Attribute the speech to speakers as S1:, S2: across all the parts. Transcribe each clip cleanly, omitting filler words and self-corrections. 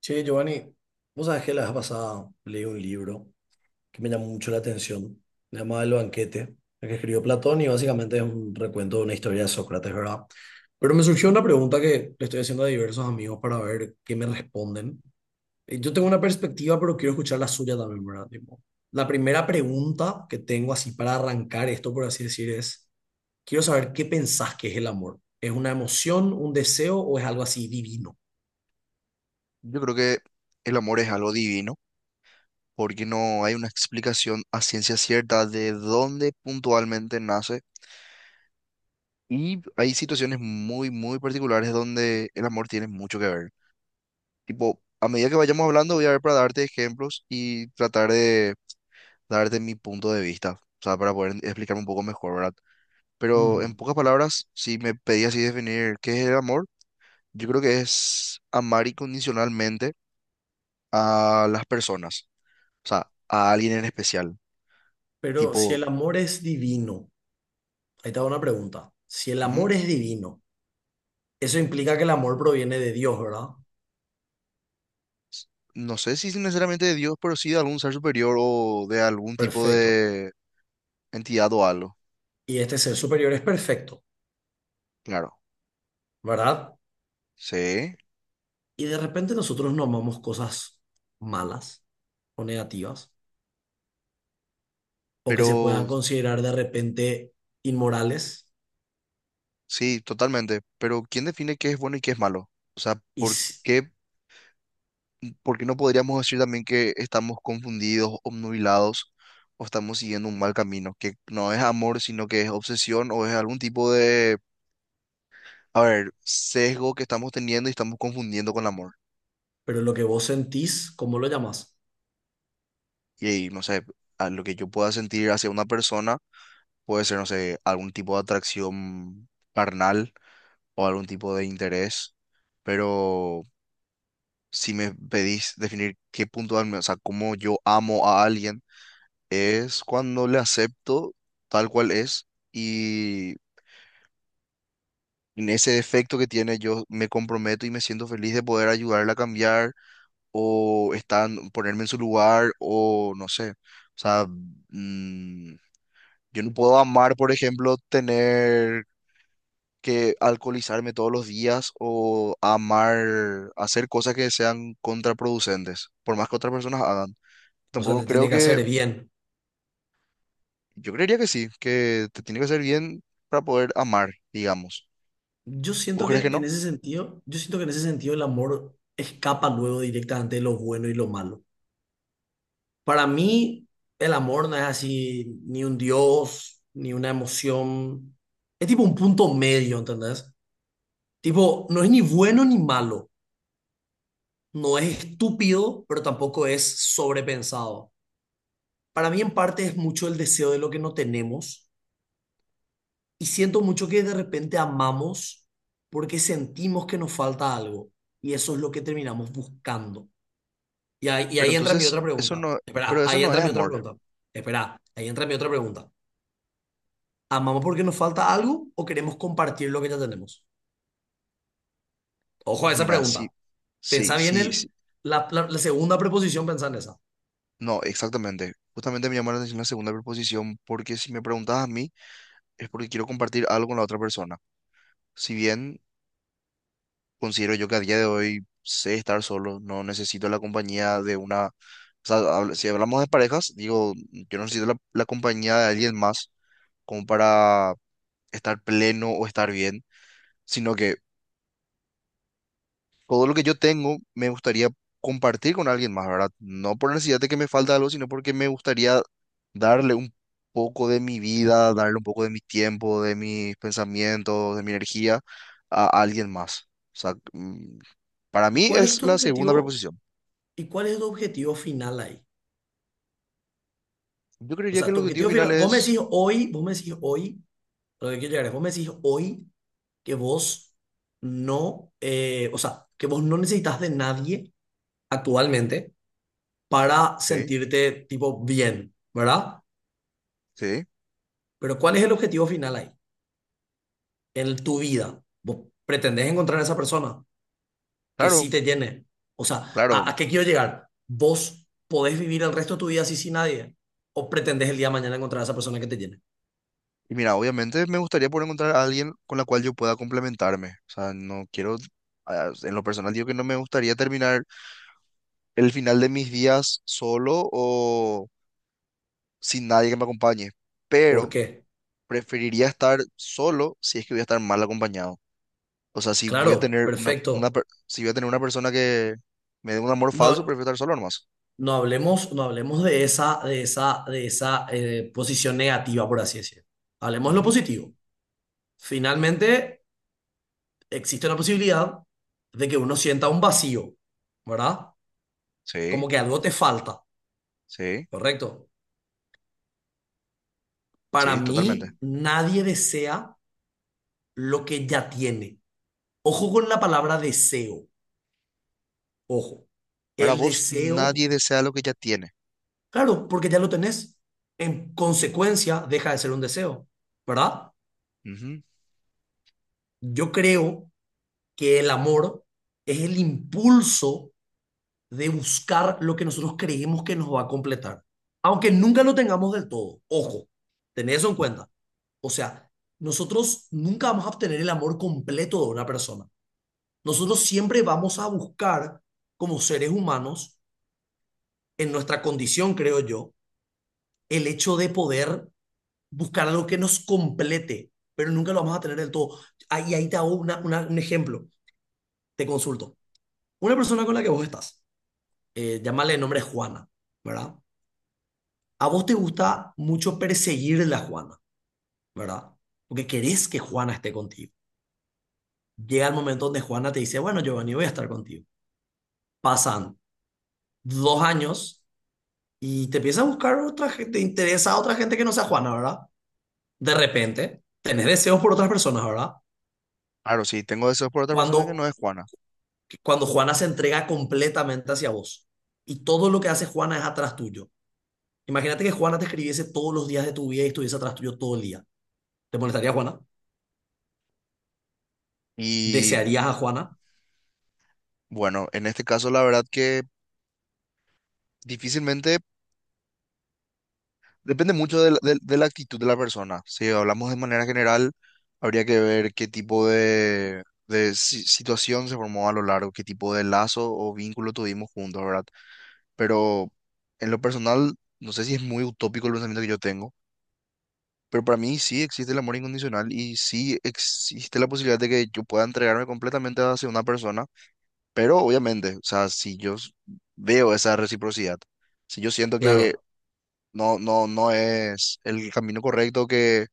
S1: Che, Giovanni, vos sabés que la vez pasada leí un libro que me llamó mucho la atención, se llama El banquete, el que escribió Platón y básicamente es un recuento de una historia de Sócrates, ¿verdad? Pero me surgió una pregunta que le estoy haciendo a diversos amigos para ver qué me responden. Yo tengo una perspectiva, pero quiero escuchar la suya también, ¿verdad? Tipo, la primera pregunta que tengo así para arrancar esto, por así decir, es, quiero saber qué pensás que es el amor. ¿Es una emoción, un deseo o es algo así divino?
S2: Yo creo que el amor es algo divino, porque no hay una explicación a ciencia cierta de dónde puntualmente nace. Y hay situaciones muy, muy particulares donde el amor tiene mucho que ver. Tipo, a medida que vayamos hablando, voy a ver para darte ejemplos y tratar de darte mi punto de vista, o sea, para poder explicarme un poco mejor, ¿verdad? Pero en pocas palabras, si me pedías así definir qué es el amor, yo creo que es amar incondicionalmente a las personas, o sea, a alguien en especial
S1: Pero si
S2: tipo.
S1: el amor es divino, ahí te hago una pregunta. Si el amor
S2: Ujú.
S1: es divino, eso implica que el amor proviene de Dios, ¿verdad?
S2: No sé si necesariamente de Dios, pero sí de algún ser superior o de algún tipo
S1: Perfecto.
S2: de entidad o algo.
S1: Y este ser superior es perfecto,
S2: Claro,
S1: ¿verdad?
S2: sí,
S1: Y de repente nosotros no amamos cosas malas o negativas o que se puedan
S2: pero
S1: considerar de repente inmorales,
S2: sí, totalmente. Pero ¿quién define qué es bueno y qué es malo? O sea,
S1: y, s-
S2: por qué no podríamos decir también que estamos confundidos, obnubilados o estamos siguiendo un mal camino? Que no es amor, sino que es obsesión o es algún tipo de, a ver, sesgo que estamos teniendo y estamos confundiendo con el amor.
S1: pero lo que vos sentís, ¿cómo lo llamas?
S2: Y no sé, a lo que yo pueda sentir hacia una persona puede ser, no sé, algún tipo de atracción carnal o algún tipo de interés, pero si me pedís definir qué punto, darme, o sea, cómo yo amo a alguien, es cuando le acepto tal cual es y en ese defecto que tiene yo me comprometo y me siento feliz de poder ayudarle a cambiar o estar, ponerme en su lugar o no sé, o sea, mm, yo no puedo amar, por ejemplo, tener que alcoholizarme todos los días o amar, hacer cosas que sean contraproducentes, por más que otras personas hagan.
S1: O sea,
S2: Tampoco
S1: te tiene
S2: creo
S1: que
S2: que,
S1: hacer bien.
S2: yo creería que sí, que te tiene que hacer bien para poder amar, digamos.
S1: Yo
S2: ¿Vos
S1: siento
S2: crees
S1: que
S2: que
S1: en
S2: no?
S1: ese sentido, yo siento que en ese sentido el amor escapa luego directamente de lo bueno y lo malo. Para mí, el amor no es así ni un dios, ni una emoción. Es tipo un punto medio, ¿entendés? Tipo, no es ni bueno ni malo. No es estúpido, pero tampoco es sobrepensado. Para mí, en parte, es mucho el deseo de lo que no tenemos. Y siento mucho que de repente amamos porque sentimos que nos falta algo. Y eso es lo que terminamos buscando. Y ahí, y
S2: Pero
S1: ahí entra mi otra
S2: entonces, eso
S1: pregunta.
S2: no,
S1: Espera,
S2: pero eso
S1: ahí
S2: no
S1: entra
S2: es
S1: mi otra
S2: amor.
S1: pregunta. Espera, ahí entra mi otra pregunta. ¿Amamos porque nos falta algo o queremos compartir lo que ya tenemos? Ojo a
S2: Y
S1: esa
S2: mira, sí,
S1: pregunta.
S2: sí,
S1: Pensá bien
S2: sí, sí.
S1: la segunda preposición, pensá en esa.
S2: No, exactamente. Justamente me llamó la atención la segunda preposición porque si me preguntas a mí es porque quiero compartir algo con la otra persona. Si bien considero yo que a día de hoy sé estar solo, no necesito la compañía de una, o sea, si hablamos de parejas, digo, yo no necesito la compañía de alguien más como para estar pleno o estar bien, sino que todo lo que yo tengo me gustaría compartir con alguien más, ¿verdad? No por necesidad de que me falta algo, sino porque me gustaría darle un poco de mi vida, darle un poco de mi tiempo, de mis pensamientos, de mi energía a alguien más. O sea, para
S1: ¿Y
S2: mí
S1: cuál es
S2: es
S1: tu
S2: la segunda
S1: objetivo?
S2: preposición.
S1: ¿Y cuál es tu objetivo final ahí?
S2: Yo
S1: O
S2: creería que
S1: sea,
S2: el
S1: tu
S2: objetivo
S1: objetivo
S2: final
S1: final, vos me
S2: es...
S1: decís hoy, vos me decís hoy, a lo que quiero llegar es, vos me decís hoy que vos que vos no necesitas de nadie actualmente para
S2: Sí,
S1: sentirte tipo bien, ¿verdad?
S2: sí,
S1: Pero ¿cuál es el objetivo final ahí? En tu vida. ¿Vos pretendés encontrar a esa persona? Que
S2: claro,
S1: sí te llene. O sea,
S2: claro.
S1: a qué quiero llegar? ¿Vos podés vivir el resto de tu vida así sin nadie? ¿O pretendés el día de mañana encontrar a esa persona que te llene?
S2: Y mira, obviamente me gustaría poder encontrar a alguien con la cual yo pueda complementarme. O sea, no quiero... en lo personal digo que no me gustaría terminar el final de mis días solo o sin nadie que me acompañe.
S1: ¿Por
S2: Pero
S1: qué?
S2: preferiría estar solo si es que voy a estar mal acompañado. O sea, si voy a
S1: Claro,
S2: tener una, una,
S1: perfecto.
S2: per- si voy a tener una persona que me dé un amor falso,
S1: No,
S2: prefiero estar solo nomás.
S1: no, no hablemos de esa posición negativa, por así decirlo. Hablemos de lo
S2: Ujú.
S1: positivo. Finalmente, existe la posibilidad de que uno sienta un vacío, ¿verdad?
S2: Sí,
S1: Como que algo te falta,
S2: sí,
S1: ¿correcto? Para
S2: sí, totalmente.
S1: mí, nadie desea lo que ya tiene. Ojo con la palabra deseo, ojo.
S2: Para
S1: El
S2: vos,
S1: deseo,
S2: nadie desea lo que ya tiene.
S1: claro, porque ya lo tenés. En consecuencia, deja de ser un deseo, ¿verdad?
S2: Ujú.
S1: Yo creo que el amor es el impulso de buscar lo que nosotros creemos que nos va a completar, aunque nunca lo tengamos del todo. Ojo, tened eso en cuenta. O sea, nosotros nunca vamos a obtener el amor completo de una persona. Nosotros siempre vamos a buscar, como seres humanos, en nuestra condición, creo yo, el hecho de poder buscar algo que nos complete, pero nunca lo vamos a tener del todo. Ahí te hago un ejemplo, te consulto. Una persona con la que vos estás, llámale el nombre Juana, ¿verdad? A vos te gusta mucho perseguir la Juana, ¿verdad? Porque querés que Juana esté contigo. Llega el momento donde Juana te dice, bueno, Giovanni, voy a estar contigo. Pasan 2 años y te empieza a buscar otra gente, te interesa a otra gente que no sea Juana, ¿verdad? De repente, tenés deseos por otras personas, ¿verdad?
S2: Claro, sí, tengo deseos por otra persona que no
S1: Cuando,
S2: es Juana.
S1: cuando Juana se entrega completamente hacia vos y todo lo que hace Juana es atrás tuyo. Imagínate que Juana te escribiese todos los días de tu vida y estuviese atrás tuyo todo el día. ¿Te molestaría Juana?
S2: Y
S1: ¿Desearías a Juana?
S2: bueno, en este caso, la verdad que difícilmente depende mucho de de la actitud de la persona. Si hablamos de manera general, habría que ver qué tipo de, situación se formó a lo largo, qué tipo de lazo o vínculo tuvimos juntos, ¿verdad? Pero en lo personal, no sé si es muy utópico el pensamiento que yo tengo. Pero para mí sí existe el amor incondicional y sí existe la posibilidad de que yo pueda entregarme completamente hacia una persona, pero obviamente, o sea, si yo s- veo esa reciprocidad, si yo siento que
S1: Claro,
S2: no, no, no es el camino correcto, que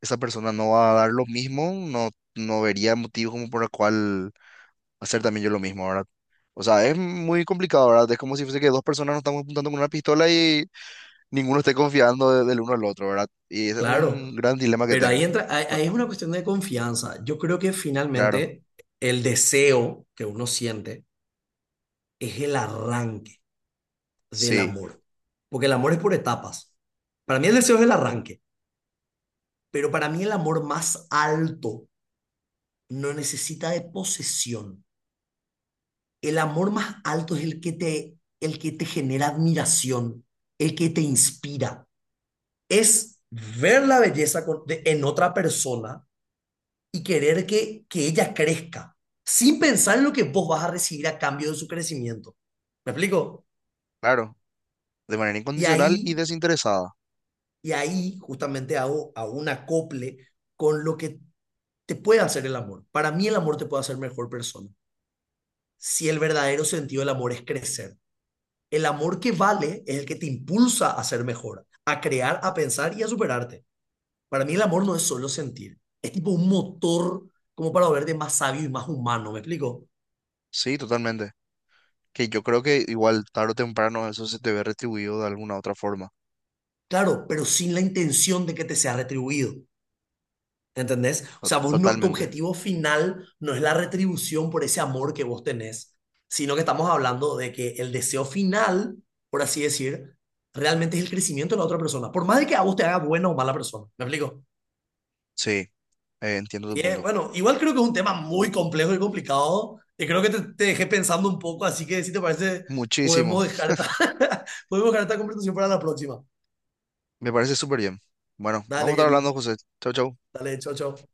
S2: esa persona no va a dar lo mismo, no, no vería motivo como por el cual hacer también yo lo mismo, ¿verdad? O sea, es muy complicado, ¿verdad? Es como si fuese que dos personas nos estamos apuntando con una pistola y ninguno esté confiando del uno al otro, ¿verdad? Y ese es también
S1: claro.
S2: un gran dilema que
S1: Pero ahí
S2: tengo.
S1: entra, ahí, ahí es una cuestión de confianza. Yo creo que
S2: Claro,
S1: finalmente el deseo que uno siente es el arranque del
S2: sí,
S1: amor. Porque el amor es por etapas. Para mí el deseo es el arranque. Pero para mí el amor más alto no necesita de posesión. El amor más alto es el que te genera admiración, el que te inspira. Es ver la belleza con- de- en otra persona y querer que ella crezca, sin pensar en lo que vos vas a recibir a cambio de su crecimiento. ¿Me explico?
S2: claro, de manera
S1: Y
S2: incondicional y
S1: ahí,
S2: desinteresada,
S1: y ahí justamente hago un acople con lo que te puede hacer el amor. Para mí el amor te puede hacer mejor persona. Si el verdadero sentido del amor es crecer. El amor que vale es el que te impulsa a ser mejor, a crear, a pensar y a superarte. Para mí el amor no es solo sentir, es tipo un motor como para volverte más sabio y más humano, ¿me explico?
S2: sí, totalmente. Que yo creo que igual tarde o temprano eso se te ve retribuido de alguna otra forma,
S1: Claro, pero sin la intención de que te sea retribuido. ¿Entendés? O sea, vos no, tu
S2: totalmente.
S1: objetivo final no es la retribución por ese amor que vos tenés, sino que estamos hablando de que el deseo final, por así decir, realmente es el crecimiento de la otra persona, por más de que a vos te haga buena o mala persona. ¿Me explico?
S2: Sí, entiendo tu
S1: Y es,
S2: punto.
S1: bueno, igual creo que es un tema muy complejo y complicado, y creo que te dejé pensando un poco, así que si te parece,
S2: Muchísimo,
S1: podemos dejar esta, podemos dejar esta conversación para la próxima.
S2: me parece súper bien. Bueno, vamos
S1: Dale,
S2: a estar
S1: querido.
S2: hablando, José. Chau, chau.
S1: Dale, chao, chao.